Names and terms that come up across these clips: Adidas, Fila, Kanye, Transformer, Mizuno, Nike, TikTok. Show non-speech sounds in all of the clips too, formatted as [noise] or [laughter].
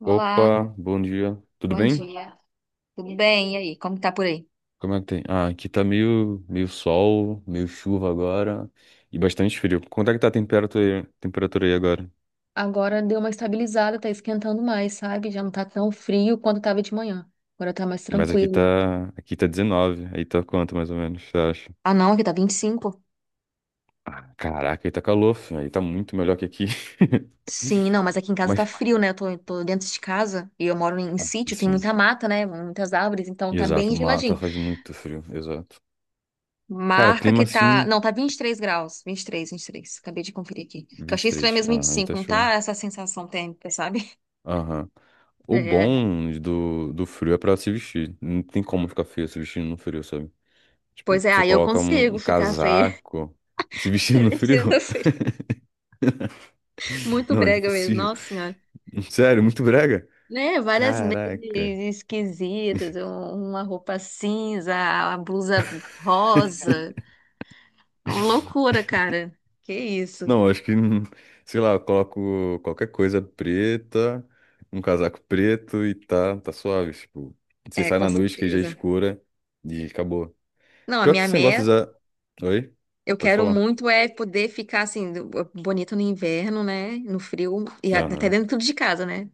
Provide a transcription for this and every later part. Olá, Opa, bom dia. Tudo bom bem? dia. Tudo bem? E aí, como que tá por aí? Como é que tem? Ah, aqui tá meio sol, meio chuva agora e bastante frio. Quanto é que tá a temperatura aí agora? Agora deu uma estabilizada, tá esquentando mais, sabe? Já não tá tão frio quanto tava de manhã. Agora tá mais Mas aqui tranquilo. tá, aqui tá 19. Aí tá quanto mais ou menos, você acha? Ah, não, aqui tá 25. Ah, caraca, aí tá calor, filho. Aí tá muito melhor que aqui. Sim, [laughs] não, mas aqui em casa tá Mas, frio, né? Eu tô dentro de casa e eu moro em sítio, tem sim, muita mata, né? Muitas árvores, então tá exato. bem Mata geladinho. faz muito frio, exato. Cara, Marca clima que tá. assim, Não, tá 23 graus. 23, 23. Acabei de conferir aqui. Que eu vinte e achei estranho três. mesmo vinte e Ah, aí tá cinco. Não tá show. essa sensação térmica, sabe? Aham. O É. bom do frio é pra se vestir. Não tem como ficar feio se vestindo no frio, sabe? Pois Tipo, é, você aí eu coloca um, consigo um ficar feia. casaco [laughs] se [laughs] vestindo Você no frio? mexendo [laughs] Muito Não, é brega mesmo, impossível. nossa senhora. [laughs] Sério, muito brega? Né? Várias Caraca. meias esquisitas, uma roupa cinza, a blusa rosa. Uma loucura, cara. Que isso. Não, acho que, sei lá, eu coloco qualquer coisa preta, um casaco preto e tá suave. Tipo, você É, sai com na noite que já é certeza. escura e acabou. Não, a Pior que minha esse negócio meta, já. Oi? eu Pode quero falar. muito é poder ficar assim, bonita no inverno, né? No frio, e até Aham. dentro de casa, né?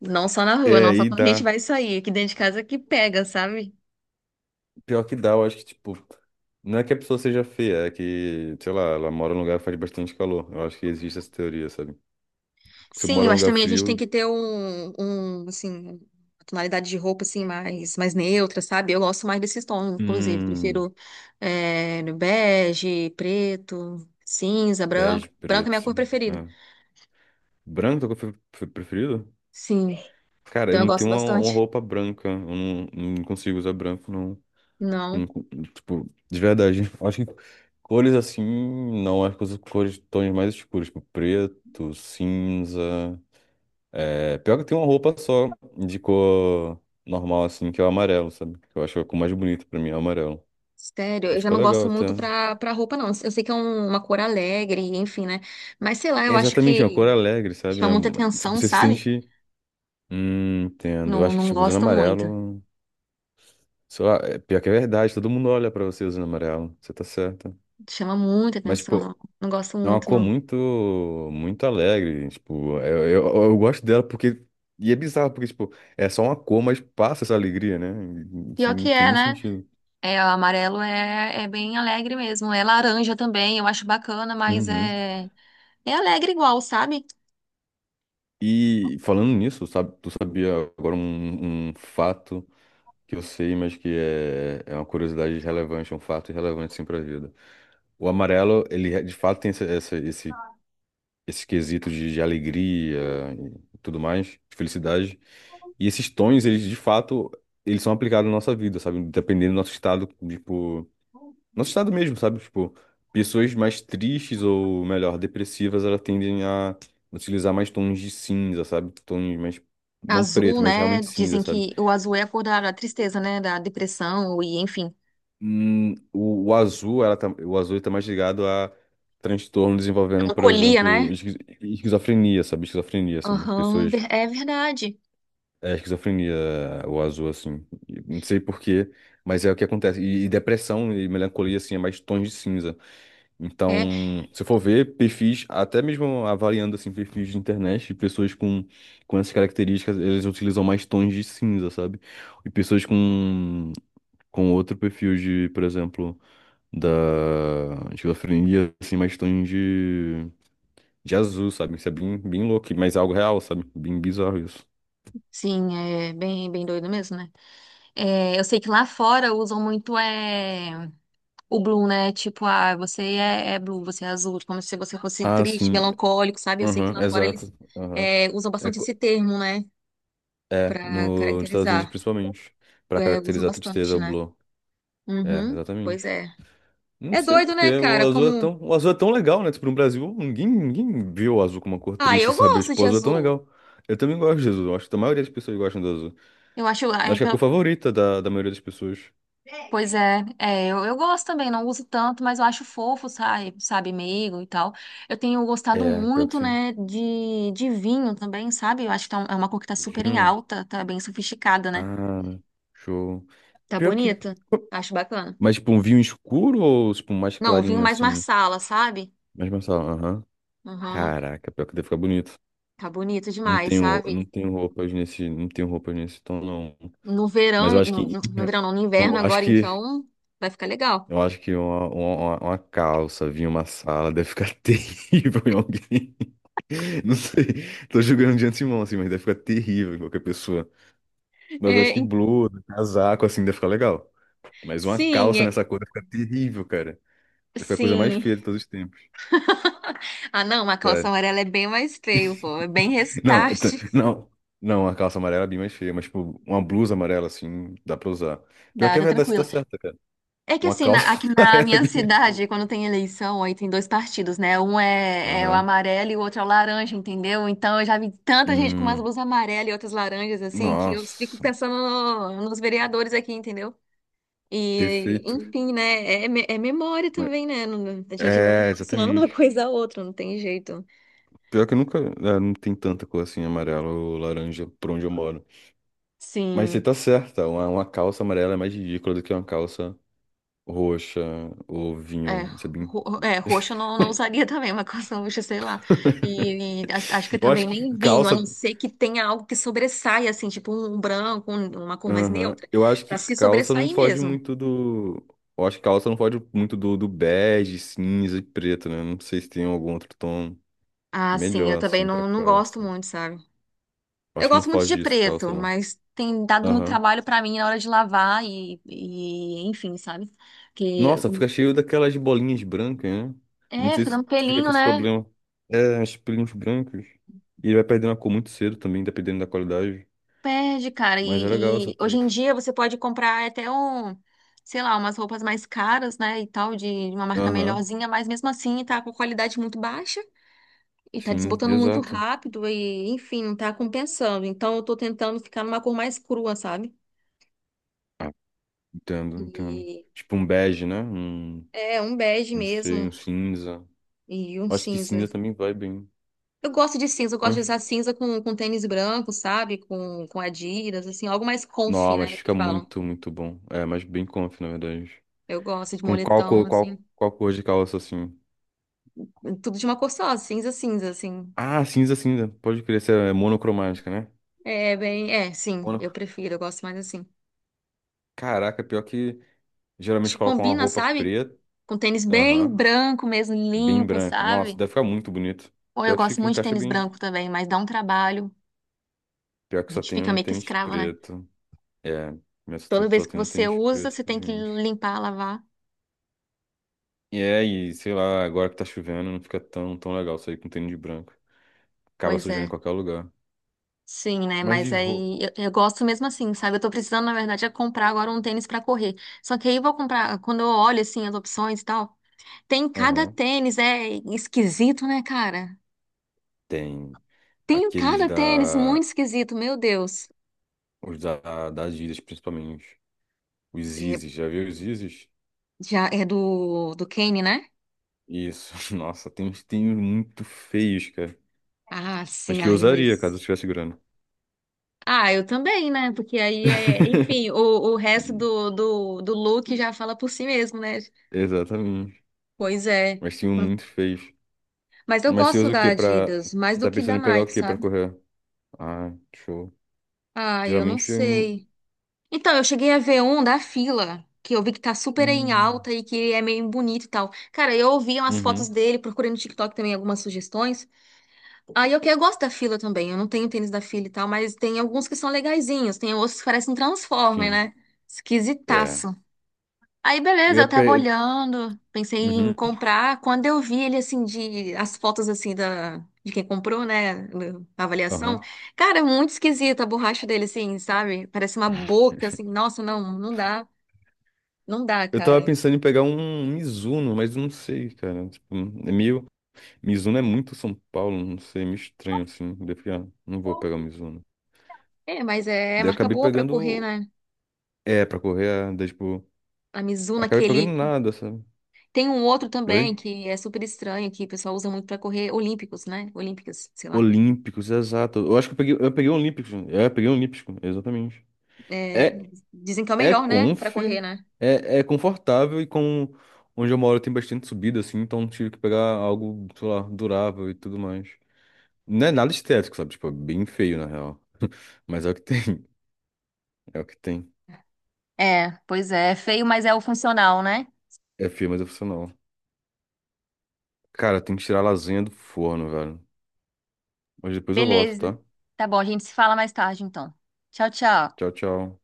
Não só na rua, É, não só aí quando a gente dá. vai sair. Aqui dentro de casa que pega, sabe? Pior que dá, eu acho que, tipo, não é que a pessoa seja feia, é que, sei lá, ela mora num lugar que faz bastante calor. Eu acho que existe essa teoria, sabe? Se Sim, mora eu num acho que lugar também a gente tem frio, que ter um, um, uma tonalidade de roupa, assim, mais neutra, sabe? Eu gosto mais desses tons, inclusive. hum, Prefiro bege, preto, cinza, branco. bege, Branco é preto, minha cor assim, preferida. é. Branco é o que eu preferido? Sim, Cara, eu então eu não gosto tenho uma bastante. roupa branca, eu não consigo usar branco, não. Não, Não co- Tipo, de verdade. [laughs] Eu acho que cores assim, não, acho que eu uso cores, tons mais escuros, tipo, preto, cinza. É, pior que tem uma roupa só de cor normal, assim, que é o amarelo, sabe? Que eu acho a cor mais bonita pra mim, é o amarelo. sério, E eu já fica não legal gosto muito até. pra roupa, não. Eu sei que é uma cor alegre, enfim, né? Mas sei lá, É eu acho exatamente é uma cor que alegre, sabe? chama É muita uma- tipo, atenção, você se sabe? sente. Entendo. Eu Não, acho que, não tipo, usando gosto muito. amarelo. Sei lá, é pior que é verdade, todo mundo olha pra você usando amarelo. Você tá certa. Chama muita Mas, atenção, tipo, não. Não gosto é uma muito, cor não. muito. Muito alegre. Tipo, eu gosto dela porque. E é bizarro, porque, tipo, é só uma cor, mas passa essa alegria, né? Isso Pior não que tem é, nem né? sentido. É, o amarelo é bem alegre mesmo. É laranja também, eu acho bacana, mas Uhum. é alegre igual, sabe? E falando nisso, sabe, tu sabia agora um fato que eu sei, mas que é uma curiosidade relevante, é um fato relevante sim para a vida. O amarelo, ele é- de fato tem esse quesito de alegria e tudo mais, de felicidade. E esses tons, eles de fato, eles são aplicados na nossa vida, sabe? Dependendo do nosso estado, tipo. Nosso estado mesmo, sabe? Tipo, pessoas mais tristes ou, melhor, depressivas, elas tendem a utilizar mais tons de cinza, sabe? Tons mais, não Azul, preto, mas né? realmente cinza, Dizem sabe? que o azul é a cor da tristeza, né? Da depressão e, enfim, O azul, ela tá, o azul tá mais ligado a transtorno desenvolvendo, por melancolia, exemplo, né? esquizofrenia, sabe? Esquizofrenia, sabe? Aham, Pessoas, é verdade. é, esquizofrenia, o azul, assim. E não sei por quê, mas é o que acontece. E depressão e melancolia, assim, é mais tons de cinza. É, Então, se eu for ver perfis, até mesmo avaliando assim perfis de internet, de pessoas com, essas características, eles utilizam mais tons de cinza, sabe? E pessoas com, outro perfil de, por exemplo, da esquizofrenia, assim, mais tons de azul, sabe? Isso é bem, bem louco, mas é algo real, sabe? Bem bizarro isso. sim, é bem, bem doido mesmo, né? É, eu sei que lá fora usam muito o blue, né? Tipo, ah, você é blue, você é azul, como se você fosse Ah, triste, sim. melancólico, sabe? Eu sei que Aham, lá fora eles exato. Aham. Usam É, bastante co- esse termo, né? É Pra no, nos Estados Unidos caracterizar. principalmente, para É, usam caracterizar a tristeza, bastante, o né? blur. É, Uhum, pois exatamente. é. Não É sei doido, porque né, o cara? azul é Como. tão, o azul é tão legal, né? Tipo, no Brasil, ninguém viu o azul como uma cor Ah, triste, eu sabe? gosto Tipo, de o azul é tão azul. legal. Eu também gosto de azul. Acho que a maioria das pessoas gostam do azul. Eu acho, ah, Acho é, que é a cor favorita da maioria das pessoas. pois é, eu gosto também, não uso tanto, mas eu acho fofo, sabe, sabe, meigo e tal. Eu tenho gostado É, pior que muito, sim. né, de vinho também, sabe? Eu acho que tá é uma cor que tá super em Vinho. alta, tá bem sofisticada, né? Ah, show. Tá Pior que. bonita. Acho bacana. Mas, tipo, um vinho escuro ou, tipo, um mais Não, o vinho clarinho, mais assim? Marsala, sabe? Mais mensal, aham. Uhum. Caraca, pior que deve ficar bonito. Tá bonito Não demais, tenho, não sabe? tenho roupas nesse, não tenho roupas nesse tom, não. No Mas verão, eu acho que, [laughs] verão não, no inverno eu acho agora, que então vai ficar legal. Eu acho que uma calça vir em uma sala deve ficar [laughs] terrível em alguém. Não sei, tô julgando de antemão, assim, mas deve ficar terrível em qualquer pessoa. Mas É, acho que blusa, casaco, assim, deve ficar legal. Mas uma sim, calça nessa cor deve ficar terrível, cara. Deve ficar a coisa mais sim. feia de todos os tempos, [laughs] Ah, não, uma calça sério. amarela é bem mais feio, pô. É bem Não, restart. Não, não, uma calça amarela é bem mais feia, mas, tipo, uma blusa amarela, assim, dá pra usar. Pior Dá, que é tá verdade, você tá tranquilo. certa, cara. É que Uma assim, calça aqui [laughs] na amarela é minha bem mais feia. cidade, quando tem eleição, aí tem dois partidos, né? Um é o Aham. amarelo e o outro é o laranja, entendeu? Então eu já vi tanta gente com umas Hum, blusas amarelas e outras laranjas, assim, que eu fico nossa, pensando nos vereadores aqui, entendeu? E, perfeito. enfim, né? É, é memória também, né? A gente vai É, relacionando uma [laughs] exatamente. coisa a outra, não tem jeito. Pior que eu nunca. É, não tem tanta cor assim, amarela ou laranja, por onde eu moro. Mas você Sim. tá certa, uma calça amarela é mais ridícula do que uma calça roxa ou É, vinho, sabe? Roxo eu não usaria também, uma coisa roxa, sei lá. [laughs] E acho que Eu também acho que nem vinho, a calça. não ser que tenha algo que sobressaia, assim, tipo um branco, uma cor mais Aham. neutra, Eu acho que pra se calça não sobressair foge mesmo. muito do. Eu acho que calça não foge muito do bege, cinza e preto, né? Não sei se tem algum outro tom Ah, sim, eu melhor, também assim, pra não calça. gosto muito, sabe? Eu Eu acho que não gosto muito de foge disso, calça, preto, não. mas tem dado muito Aham. trabalho pra mim na hora de lavar e enfim, sabe? Nossa, fica cheio daquelas bolinhas brancas, né? Não É, sei fica se dando tu fica com pelinho, esse né? problema. É, as pelinhas brancas. E ele vai perdendo a cor muito cedo também, dependendo da qualidade. Perde, cara. Mas é legal essa E hoje em preta. dia você pode comprar até um, sei lá, umas roupas mais caras, né? E tal, de uma marca Aham, melhorzinha, mas mesmo assim tá com qualidade muito baixa e tá sim, desbotando muito exato. rápido e, enfim, não tá compensando. Então eu tô tentando ficar numa cor mais crua, sabe? Ah, entendo, entendo. E Tipo um bege, né? Um, é um bege não sei, um mesmo cinza. e um Acho que cinza. cinza também vai bem. Eu gosto de cinza, eu gosto de Mas, usar cinza com tênis branco, sabe? Com Adidas, assim, algo mais comfy, não, mas né? Que fica falam. muito, muito bom. É, mas bem conf, na verdade. Eu gosto de Com qual cor, moletom, assim. qual cor de calça, assim? Tudo de uma cor só, cinza, cinza, assim. Ah, cinza, cinza. Pode crer, essa é monocromática, né? É bem. É, sim, eu prefiro, eu gosto mais assim. Caraca, pior que Acho geralmente que colocam uma combina, roupa sabe? preta, Com tênis bem aham, branco mesmo, bem limpo, branca. Nossa, sabe? deve ficar muito bonito. Ou eu Pior que gosto fica, muito de encaixa tênis bem. branco também, mas dá um trabalho. Pior que A só gente tem fica um meio que tênis escravo, né? preto. É, mas só Toda tem vez só que tem um você tênis usa, preto, você tem que gente. limpar, lavar. E é, e sei lá, agora que tá chovendo, não fica tão, tão legal sair com tênis branco. Acaba Pois sujando em é. qualquer lugar. Sim, né? Mas de Mas roupa, aí eu gosto mesmo assim, sabe? Eu tô precisando, na verdade, é comprar agora um tênis pra correr. Só que aí eu vou comprar, quando eu olho assim as opções e tal, tem cada aham, tênis, é esquisito, né, cara? tem Tem aqueles cada tênis muito da, esquisito, meu Deus. os da Adidas, principalmente. Os É, Yeezys, já viu os Yeezys? já é do Kanye, né? Isso, [laughs] nossa, tem uns tênis muito feios, cara. Ah, Mas sim, que eu ai, usaria caso eu mas. tivesse grana. Ah, eu também, né? Porque aí é. Enfim, [laughs] o resto do look já fala por si mesmo, né? Exatamente. Pois é. Mas tinham muito feios. Mas eu Mas você gosto usa o da quê pra. Adidas, mais Você do tá que da pensando em pegar o Nike, quê pra sabe? correr? Ah, show. Ah, eu não Geralmente eu não. sei. Então, eu cheguei a ver um da Fila, que eu vi que tá super em Hum. alta e que é meio bonito e tal. Cara, eu ouvi umas fotos Uhum, dele, procurei no TikTok também algumas sugestões. Aí eu gosto da Fila também. Eu não tenho tênis da Fila e tal, mas tem alguns que são legaisinhos. Tem outros que parecem um Transformer, sim. né? É. Esquisitaço. Aí, Eu beleza, ia eu tava pe. olhando, pensei em Uhum, comprar. Quando eu vi ele, assim, de as fotos, assim, de quem comprou, né? A avaliação. aham. Cara, é muito esquisita a borracha dele, assim, sabe? Parece uma boca, assim. [laughs] Nossa, não dá. Não dá, Eu tava cara. pensando em pegar um Mizuno, mas não sei, cara. Tipo, é meio. Mizuno é muito São Paulo, não sei, é meio estranho assim. Daí eu falei, ah, não vou pegar o Mizuno. É, mas é Daí eu marca acabei boa pra correr, pegando. né? É, pra correr, daí, tipo. A Mizuno, Acabei pegando aquele. nada, sabe? Tem um outro também Oi? que é super estranho, que o pessoal usa muito pra correr olímpicos, né? Olímpicas, sei lá. Olímpicos, exato. Eu acho que eu peguei Olímpicos. É, eu peguei Olímpico, exatamente. É, É, dizem que é o é melhor, né? Pra conf, correr, né? é confortável e com. Onde eu moro tem bastante subida, assim, então tive que pegar algo, sei lá, durável e tudo mais. Não é nada estético, sabe? Tipo, é bem feio, na real. Mas é o que tem. [laughs] É o que tem. É, pois é, é feio, mas é o funcional, né? É feio, mas é funcional. Cara, tem que tirar a lasanha do forno, velho. Mas depois eu volto, Beleza. tá? Tá bom, a gente se fala mais tarde, então. Tchau, Tchau, tchau. tchau.